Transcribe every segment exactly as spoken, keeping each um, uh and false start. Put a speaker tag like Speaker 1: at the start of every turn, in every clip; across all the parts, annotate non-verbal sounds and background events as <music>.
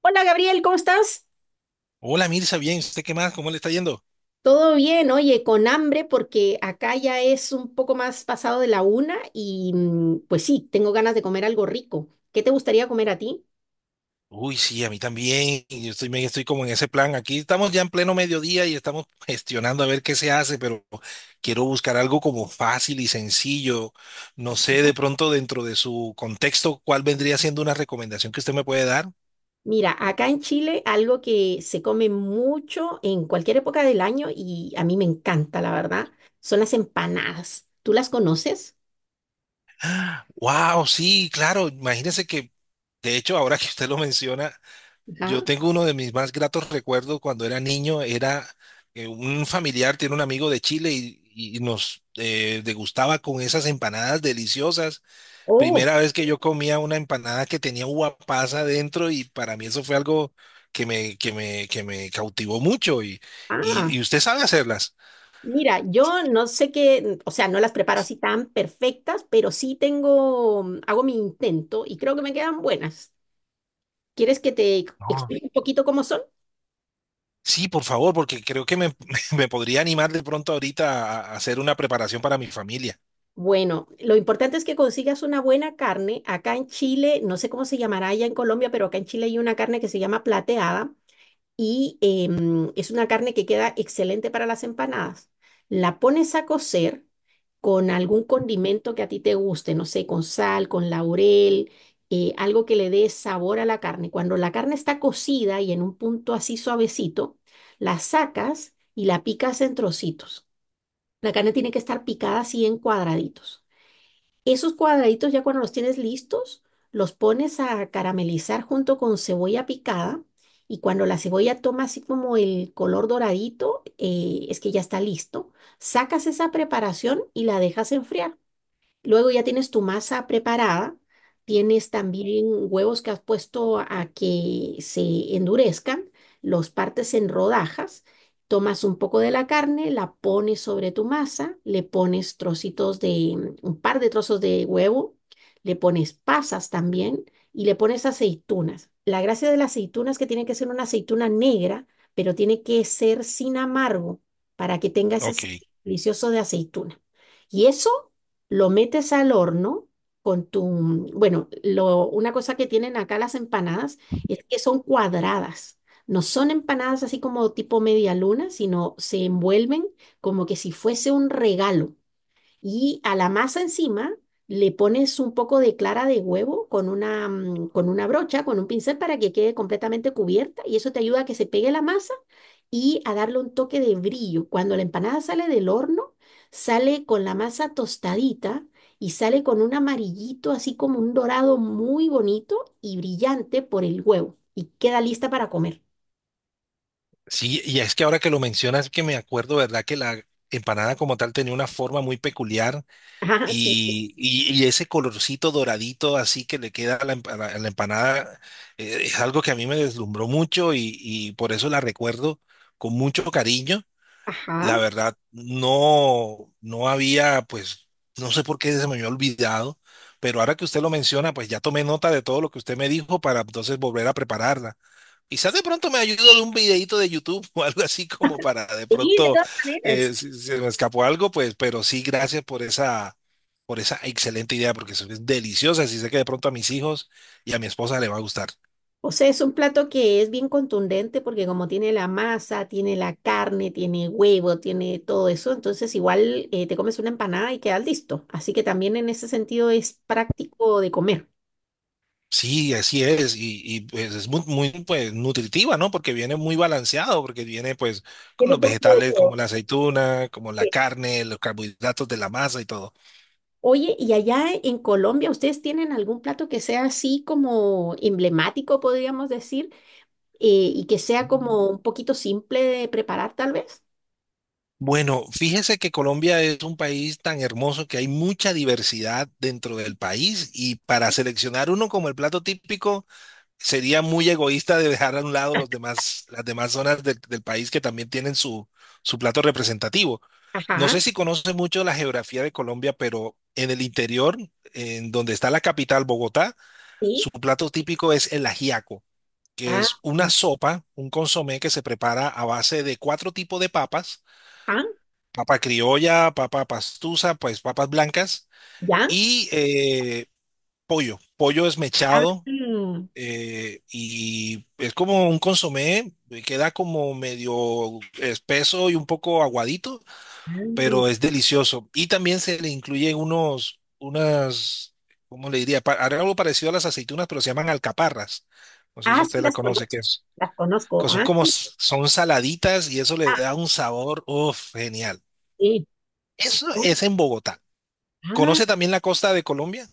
Speaker 1: Hola Gabriel, ¿cómo estás?
Speaker 2: Hola Mirza, bien, ¿usted qué más? ¿Cómo le está yendo?
Speaker 1: Todo bien, oye, con hambre porque acá ya es un poco más pasado de la una y mm, pues sí, tengo ganas de comer algo rico. ¿Qué te gustaría comer a ti?
Speaker 2: Uy, sí, a mí también. Y yo estoy, me- estoy como en ese plan. Aquí estamos ya en pleno mediodía y estamos gestionando a ver qué se hace, pero quiero buscar algo como fácil y sencillo. No sé, de pronto dentro de su contexto, ¿cuál vendría siendo una recomendación que usted me puede dar?
Speaker 1: Mira, acá en Chile algo que se come mucho en cualquier época del año y a mí me encanta, la verdad, son las empanadas. ¿Tú las conoces?
Speaker 2: Wow, sí, claro. Imagínese que, de hecho, ahora que usted lo menciona,
Speaker 1: Ajá.
Speaker 2: yo tengo uno de mis más gratos recuerdos cuando era niño. Era eh, un familiar, tiene un amigo de Chile y, y nos eh, degustaba con esas empanadas deliciosas.
Speaker 1: Oh,
Speaker 2: Primera vez que yo comía una empanada que tenía uva pasa dentro y para mí eso fue algo que me, que me, que me cautivó mucho. Y, y,
Speaker 1: ah.
Speaker 2: y usted sabe hacerlas?
Speaker 1: Mira, yo no sé qué, o sea, no las preparo así tan perfectas, pero sí tengo, mm, hago mi intento y creo que me quedan buenas. ¿Quieres que te ex-
Speaker 2: No.
Speaker 1: explique un poquito cómo son?
Speaker 2: Sí, por favor, porque creo que me, <laughs> me podría animar de pronto ahorita a a hacer una preparación para mi familia.
Speaker 1: Bueno, lo importante es que consigas una buena carne. Acá en Chile, no sé cómo se llamará allá en Colombia, pero acá en Chile hay una carne que se llama plateada. Y em, es una carne que queda excelente para las empanadas. La pones a cocer con algún condimento que a ti te guste, no sé, con sal, con laurel, eh, algo que le dé sabor a la carne. Cuando la carne está cocida y en un punto así suavecito, la sacas y la picas en trocitos. La carne tiene que estar picada así en cuadraditos. Esos cuadraditos ya cuando los tienes listos, los pones a caramelizar junto con cebolla picada y cuando la cebolla toma así como el color doradito, eh, es que ya está listo. Sacas esa preparación y la dejas enfriar. Luego ya tienes tu masa preparada, tienes también huevos que has puesto a que se endurezcan, los partes en rodajas, tomas un poco de la carne, la pones sobre tu masa, le pones trocitos de, un par de trozos de huevo, le pones pasas también y le pones aceitunas. La gracia de las aceitunas es que tiene que ser una aceituna negra, pero tiene que ser sin amargo para que tenga ese
Speaker 2: Ok.
Speaker 1: sabor delicioso de aceituna. Y eso lo metes al horno con tu, bueno, lo, una cosa que tienen acá las empanadas es que son cuadradas. No son empanadas así como tipo media luna, sino se envuelven como que si fuese un regalo y a la masa encima le pones un poco de clara de huevo con una, mm, con una brocha, con un pincel para que quede completamente cubierta y eso te ayuda a que se pegue la masa y a darle un toque de brillo. Cuando la empanada sale del horno, sale con la masa tostadita y sale con un amarillito así como un dorado muy bonito y brillante por el huevo y queda lista para comer.
Speaker 2: Sí, y es que ahora que lo mencionas, que me acuerdo, ¿verdad? Que la empanada como tal tenía una forma muy peculiar
Speaker 1: <laughs> Ajá, sí.
Speaker 2: y, y- y ese colorcito doradito así que le queda a la, empa- a la empanada eh, es algo que a mí me deslumbró mucho y, y por eso la recuerdo con mucho cariño. La
Speaker 1: Ajá.
Speaker 2: verdad, no, no había, pues, no sé por qué se me había olvidado, pero ahora que usted lo menciona, pues ya tomé nota de todo lo que usted me dijo para entonces volver a prepararla. Quizás de pronto me ayudo de un videito de YouTube <laughs> o algo así como para de
Speaker 1: Sí, de
Speaker 2: pronto
Speaker 1: todas maneras.
Speaker 2: eh, si si se me escapó algo, pues, pero sí, gracias por esa, por esa excelente idea, porque eso es deliciosa. Y sé que de pronto a mis hijos y a mi esposa le va a gustar.
Speaker 1: O sea, es un plato que es bien contundente porque como tiene la masa, tiene la carne, tiene huevo, tiene todo eso, entonces igual eh, te comes una empanada y quedas listo. Así que también en ese sentido es práctico de comer.
Speaker 2: Sí, así es. Y, y, pues es muy, muy pues, nutritiva, ¿no? Porque viene muy balanceado, porque viene pues con los vegetales como la aceituna, como la
Speaker 1: Sí.
Speaker 2: carne, los carbohidratos de la masa y todo.
Speaker 1: Oye, ¿y allá en Colombia ustedes tienen algún plato que sea así como emblemático, podríamos decir, eh, y que sea como un poquito simple de preparar tal vez?
Speaker 2: Bueno, fíjese que Colombia es un país tan hermoso que hay mucha diversidad dentro del país y para seleccionar uno como el plato típico sería muy egoísta de dejar a un lado los demás, las demás zonas del, del país que también tienen su, su plato representativo. No
Speaker 1: Ajá,
Speaker 2: sé si conoce mucho la geografía de Colombia, pero en el interior, en donde está la capital, Bogotá,
Speaker 1: sí.
Speaker 2: su plato típico es el ajiaco, que
Speaker 1: Ah,
Speaker 2: es una sopa, un consomé que se prepara a base de cuatro tipos de papas:
Speaker 1: ajá,
Speaker 2: papa criolla, papa pastusa, pues papas blancas
Speaker 1: ya.
Speaker 2: y eh, pollo, pollo
Speaker 1: Ah,
Speaker 2: desmechado. Eh, y es como un consomé, eh, queda como medio espeso y un poco aguadito,
Speaker 1: mm,
Speaker 2: pero es delicioso. Y también se le incluye unos, unas, ¿cómo le diría? Pa- algo parecido a las aceitunas, pero se llaman alcaparras. No sé si
Speaker 1: ah, sí,
Speaker 2: usted la
Speaker 1: las
Speaker 2: conoce, que
Speaker 1: conozco.
Speaker 2: es,
Speaker 1: Las
Speaker 2: que
Speaker 1: conozco.
Speaker 2: son
Speaker 1: Ah,
Speaker 2: como, s- son saladitas y eso le da un sabor, uff, genial.
Speaker 1: sí.
Speaker 2: Eso
Speaker 1: Oh,
Speaker 2: es en Bogotá.
Speaker 1: ah.
Speaker 2: ¿Conoce también la costa de Colombia?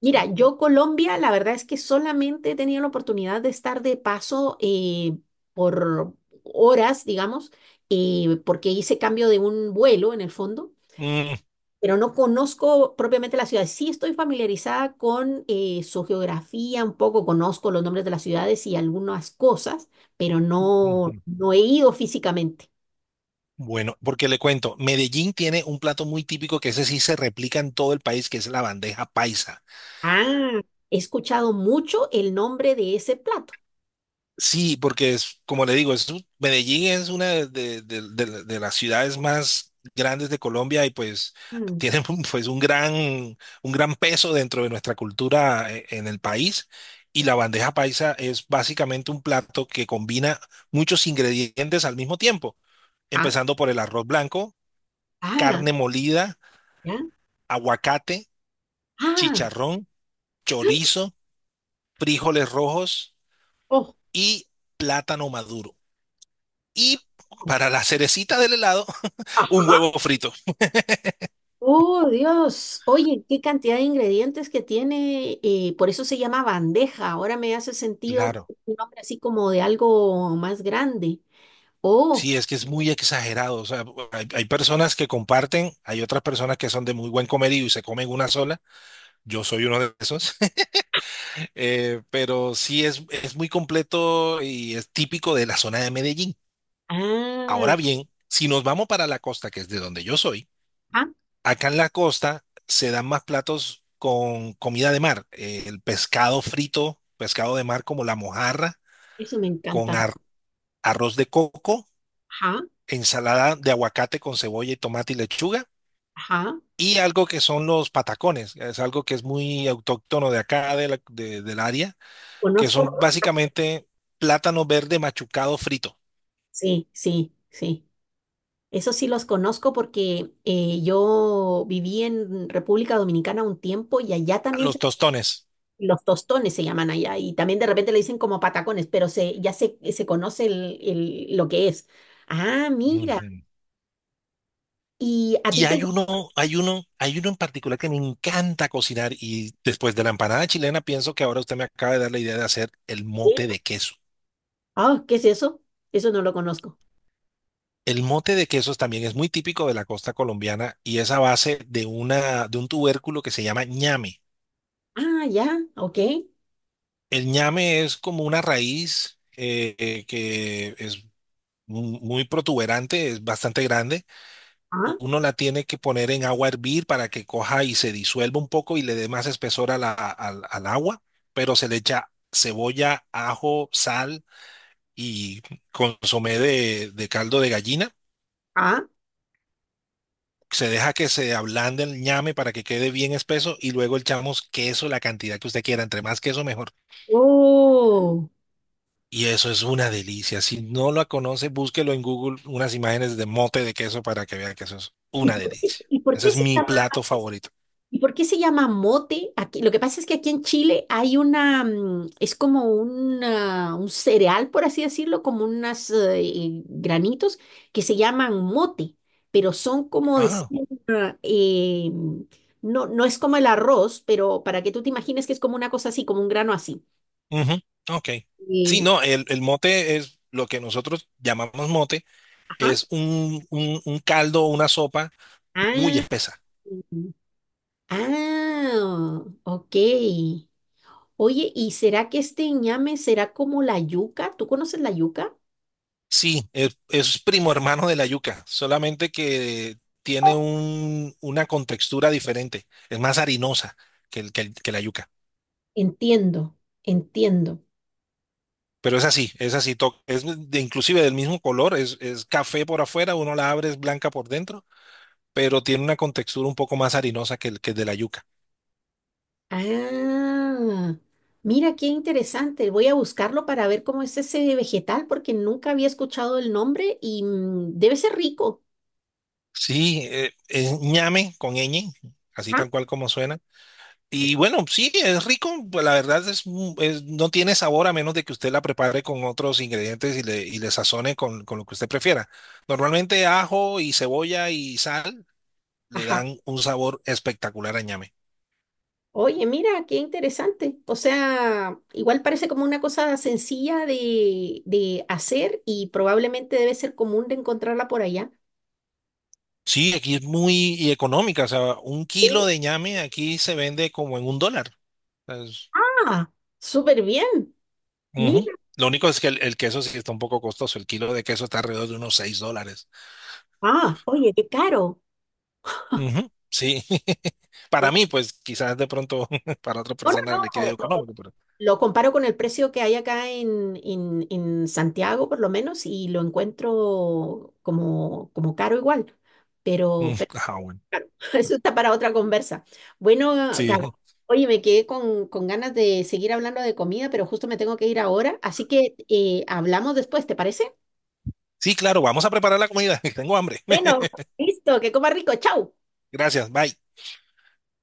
Speaker 1: Mira, yo Colombia, la verdad es que solamente he tenido la oportunidad de estar de paso eh, por horas, digamos, eh, porque hice cambio de un vuelo en el fondo,
Speaker 2: Mm,
Speaker 1: pero no conozco propiamente la ciudad. Sí estoy familiarizada con eh, su geografía un poco, conozco los nombres de las ciudades y algunas cosas, pero no,
Speaker 2: ujú.
Speaker 1: no he ido físicamente.
Speaker 2: Bueno, porque le cuento, Medellín tiene un plato muy típico que ese sí se replica en todo el país, que es la bandeja paisa.
Speaker 1: Ah, he escuchado mucho el nombre de ese plato.
Speaker 2: Sí, porque es, como le digo, es, un- Medellín es una de, de- de- de- de las ciudades más grandes de Colombia y pues
Speaker 1: Mm.
Speaker 2: tiene <laughs> un- pues un gran, un gran peso dentro de nuestra cultura eh, en el país. Y la bandeja paisa es básicamente un plato que combina muchos ingredientes al mismo tiempo,
Speaker 1: Ah,
Speaker 2: empezando por el arroz blanco,
Speaker 1: ah,
Speaker 2: carne molida,
Speaker 1: ya.
Speaker 2: aguacate,
Speaker 1: Ah,
Speaker 2: chicharrón, chorizo, frijoles rojos
Speaker 1: oh,
Speaker 2: y plátano maduro. Y
Speaker 1: oh,
Speaker 2: para la cerecita del helado, <laughs> un
Speaker 1: ajá.
Speaker 2: huevo frito.
Speaker 1: Oh, Dios. Oye, qué cantidad de ingredientes que tiene. Eh, por eso se llama bandeja. Ahora me hace sentido que
Speaker 2: Claro.
Speaker 1: es un nombre así como de algo más grande. Oh,
Speaker 2: Sí, es que es muy exagerado. O sea, hay, hay personas que comparten, hay otras personas que son de muy buen comerío y se comen una sola. Yo soy uno de esos. <laughs> Eh, pero sí es, es muy completo y es típico de la zona de Medellín.
Speaker 1: ah,
Speaker 2: Ahora bien, si nos vamos para la costa, que es de donde yo soy.
Speaker 1: ah,
Speaker 2: Acá en la costa se dan más platos con comida de mar, eh, el pescado frito, pescado de mar como la mojarra,
Speaker 1: eso me
Speaker 2: con
Speaker 1: encanta.
Speaker 2: ar- arroz de coco,
Speaker 1: Ajá,
Speaker 2: ensalada de aguacate con cebolla y tomate y lechuga,
Speaker 1: ajá.
Speaker 2: y algo que son los patacones, es algo que es muy autóctono de acá, de la- de- del área, que son
Speaker 1: Conozco.
Speaker 2: básicamente plátano verde machucado frito,
Speaker 1: Sí, sí, sí. Eso sí los conozco porque eh, yo viví en República Dominicana un tiempo y allá también
Speaker 2: los tostones.
Speaker 1: los tostones se llaman allá y también de repente le dicen como patacones, pero se, ya se, se conoce el, el- lo que es. Ah, mira.
Speaker 2: Ujú.
Speaker 1: ¿Y a ti
Speaker 2: Y
Speaker 1: te
Speaker 2: hay
Speaker 1: gusta?
Speaker 2: uno, hay uno, hay uno en particular que me encanta cocinar y después de la empanada chilena pienso que ahora usted me acaba de dar la idea de hacer el mote de queso.
Speaker 1: Ah, ¿qué es eso? Eso no lo conozco.
Speaker 2: El mote de quesos también es muy típico de la costa colombiana y es a base de una, de un tubérculo que se llama ñame.
Speaker 1: Ah, ya, ok.
Speaker 2: El ñame es como una raíz eh, eh, que es mu- muy protuberante, es bastante grande.
Speaker 1: Ah,
Speaker 2: Uno la tiene que poner en agua a hervir para que coja y se disuelva un poco y le dé más espesor a la- al, al agua, pero se le echa cebolla, ajo, sal y consomé de, de caldo de gallina.
Speaker 1: ah,
Speaker 2: Se deja que se ablande el ñame para que quede bien espeso y luego echamos queso, la cantidad que usted quiera, entre más queso mejor.
Speaker 1: oh.
Speaker 2: Y eso es una delicia. Si no la conoce, búsquelo en Google unas imágenes de mote de queso para que vea que eso es
Speaker 1: ¿Y
Speaker 2: una
Speaker 1: por qué,
Speaker 2: delicia.
Speaker 1: y por
Speaker 2: Ese
Speaker 1: qué
Speaker 2: es
Speaker 1: se
Speaker 2: mi
Speaker 1: llama?
Speaker 2: plato favorito.
Speaker 1: ¿Y por qué se llama mote? Aquí, lo que pasa es que aquí en Chile hay una, mm, es como una- un cereal, por así decirlo, como unos granitos que se llaman mote, pero son como decir,
Speaker 2: Ah.
Speaker 1: ah, eh, no, no es como el arroz, pero para que tú te imagines que es como una cosa así, como un grano así.
Speaker 2: Ujú. Ok. Sí,
Speaker 1: Eh,
Speaker 2: no, el, el mote es lo que nosotros llamamos mote,
Speaker 1: ajá.
Speaker 2: es un, un, un caldo o una sopa muy
Speaker 1: Ah,
Speaker 2: espesa.
Speaker 1: mm, ah, ok. Oye, ¿y será que este ñame será como la yuca? ¿Tú conoces la yuca?
Speaker 2: Sí, es, es primo hermano de la yuca, solamente que tiene un, una contextura diferente, es más harinosa que, el- que, el- que la yuca.
Speaker 1: Entiendo, entiendo.
Speaker 2: Pero es así, es así, to- es de- inclusive del mismo color, es, es café por afuera, uno la abre, es blanca por dentro, pero tiene una contextura un poco más harinosa que el, que el de la yuca.
Speaker 1: Ah, mira qué interesante. Voy a buscarlo para ver cómo es ese vegetal porque nunca había escuchado el nombre y mm, debe ser rico.
Speaker 2: Sí, eh, es ñame con ñ, así
Speaker 1: Ajá,
Speaker 2: tal cual como suena. Y bueno, sí, es rico, pues la verdad es, mu- es- no tiene sabor a menos de que usted la prepare con otros ingredientes y le, y le, sazone con, con lo que usted prefiera. Normalmente ajo y cebolla y sal le
Speaker 1: ajá.
Speaker 2: dan un sabor espectacular a ñame.
Speaker 1: Oye, mira, qué interesante. O sea, igual parece como una cosa sencilla de, de hacer y probablemente debe ser común de encontrarla por allá.
Speaker 2: Sí, aquí es muy y económica, o sea, un
Speaker 1: Eh,
Speaker 2: kilo de ñame aquí se vende como en un dólar. Es-
Speaker 1: Ah, súper bien.
Speaker 2: Ujú.
Speaker 1: Mira.
Speaker 2: Lo único es que el, el queso sí está un poco costoso, el kilo de queso está alrededor de unos seis dólares.
Speaker 1: Ah, oye, qué caro.
Speaker 2: Ujú, sí, <laughs> para mí, pues quizás de pronto <laughs> para otra
Speaker 1: No, no,
Speaker 2: persona le quede
Speaker 1: no.
Speaker 2: económico, pero...
Speaker 1: Lo comparo con el precio que hay acá en, en- en Santiago, por lo menos, y lo encuentro como, como caro igual.
Speaker 2: Mm,
Speaker 1: Pero, pero
Speaker 2: ah, bueno.
Speaker 1: <laughs> eso está para otra conversa. Bueno, Gaby,
Speaker 2: Sí,
Speaker 1: oye, me quedé con, con ganas de seguir hablando de comida, pero justo me tengo que ir ahora, así que eh, hablamos después, ¿te parece?
Speaker 2: sí, claro, vamos a preparar la comida. <laughs> Tengo hambre.
Speaker 1: Bueno,
Speaker 2: <laughs>
Speaker 1: listo, que coma rico, chao.
Speaker 2: Gracias, bye.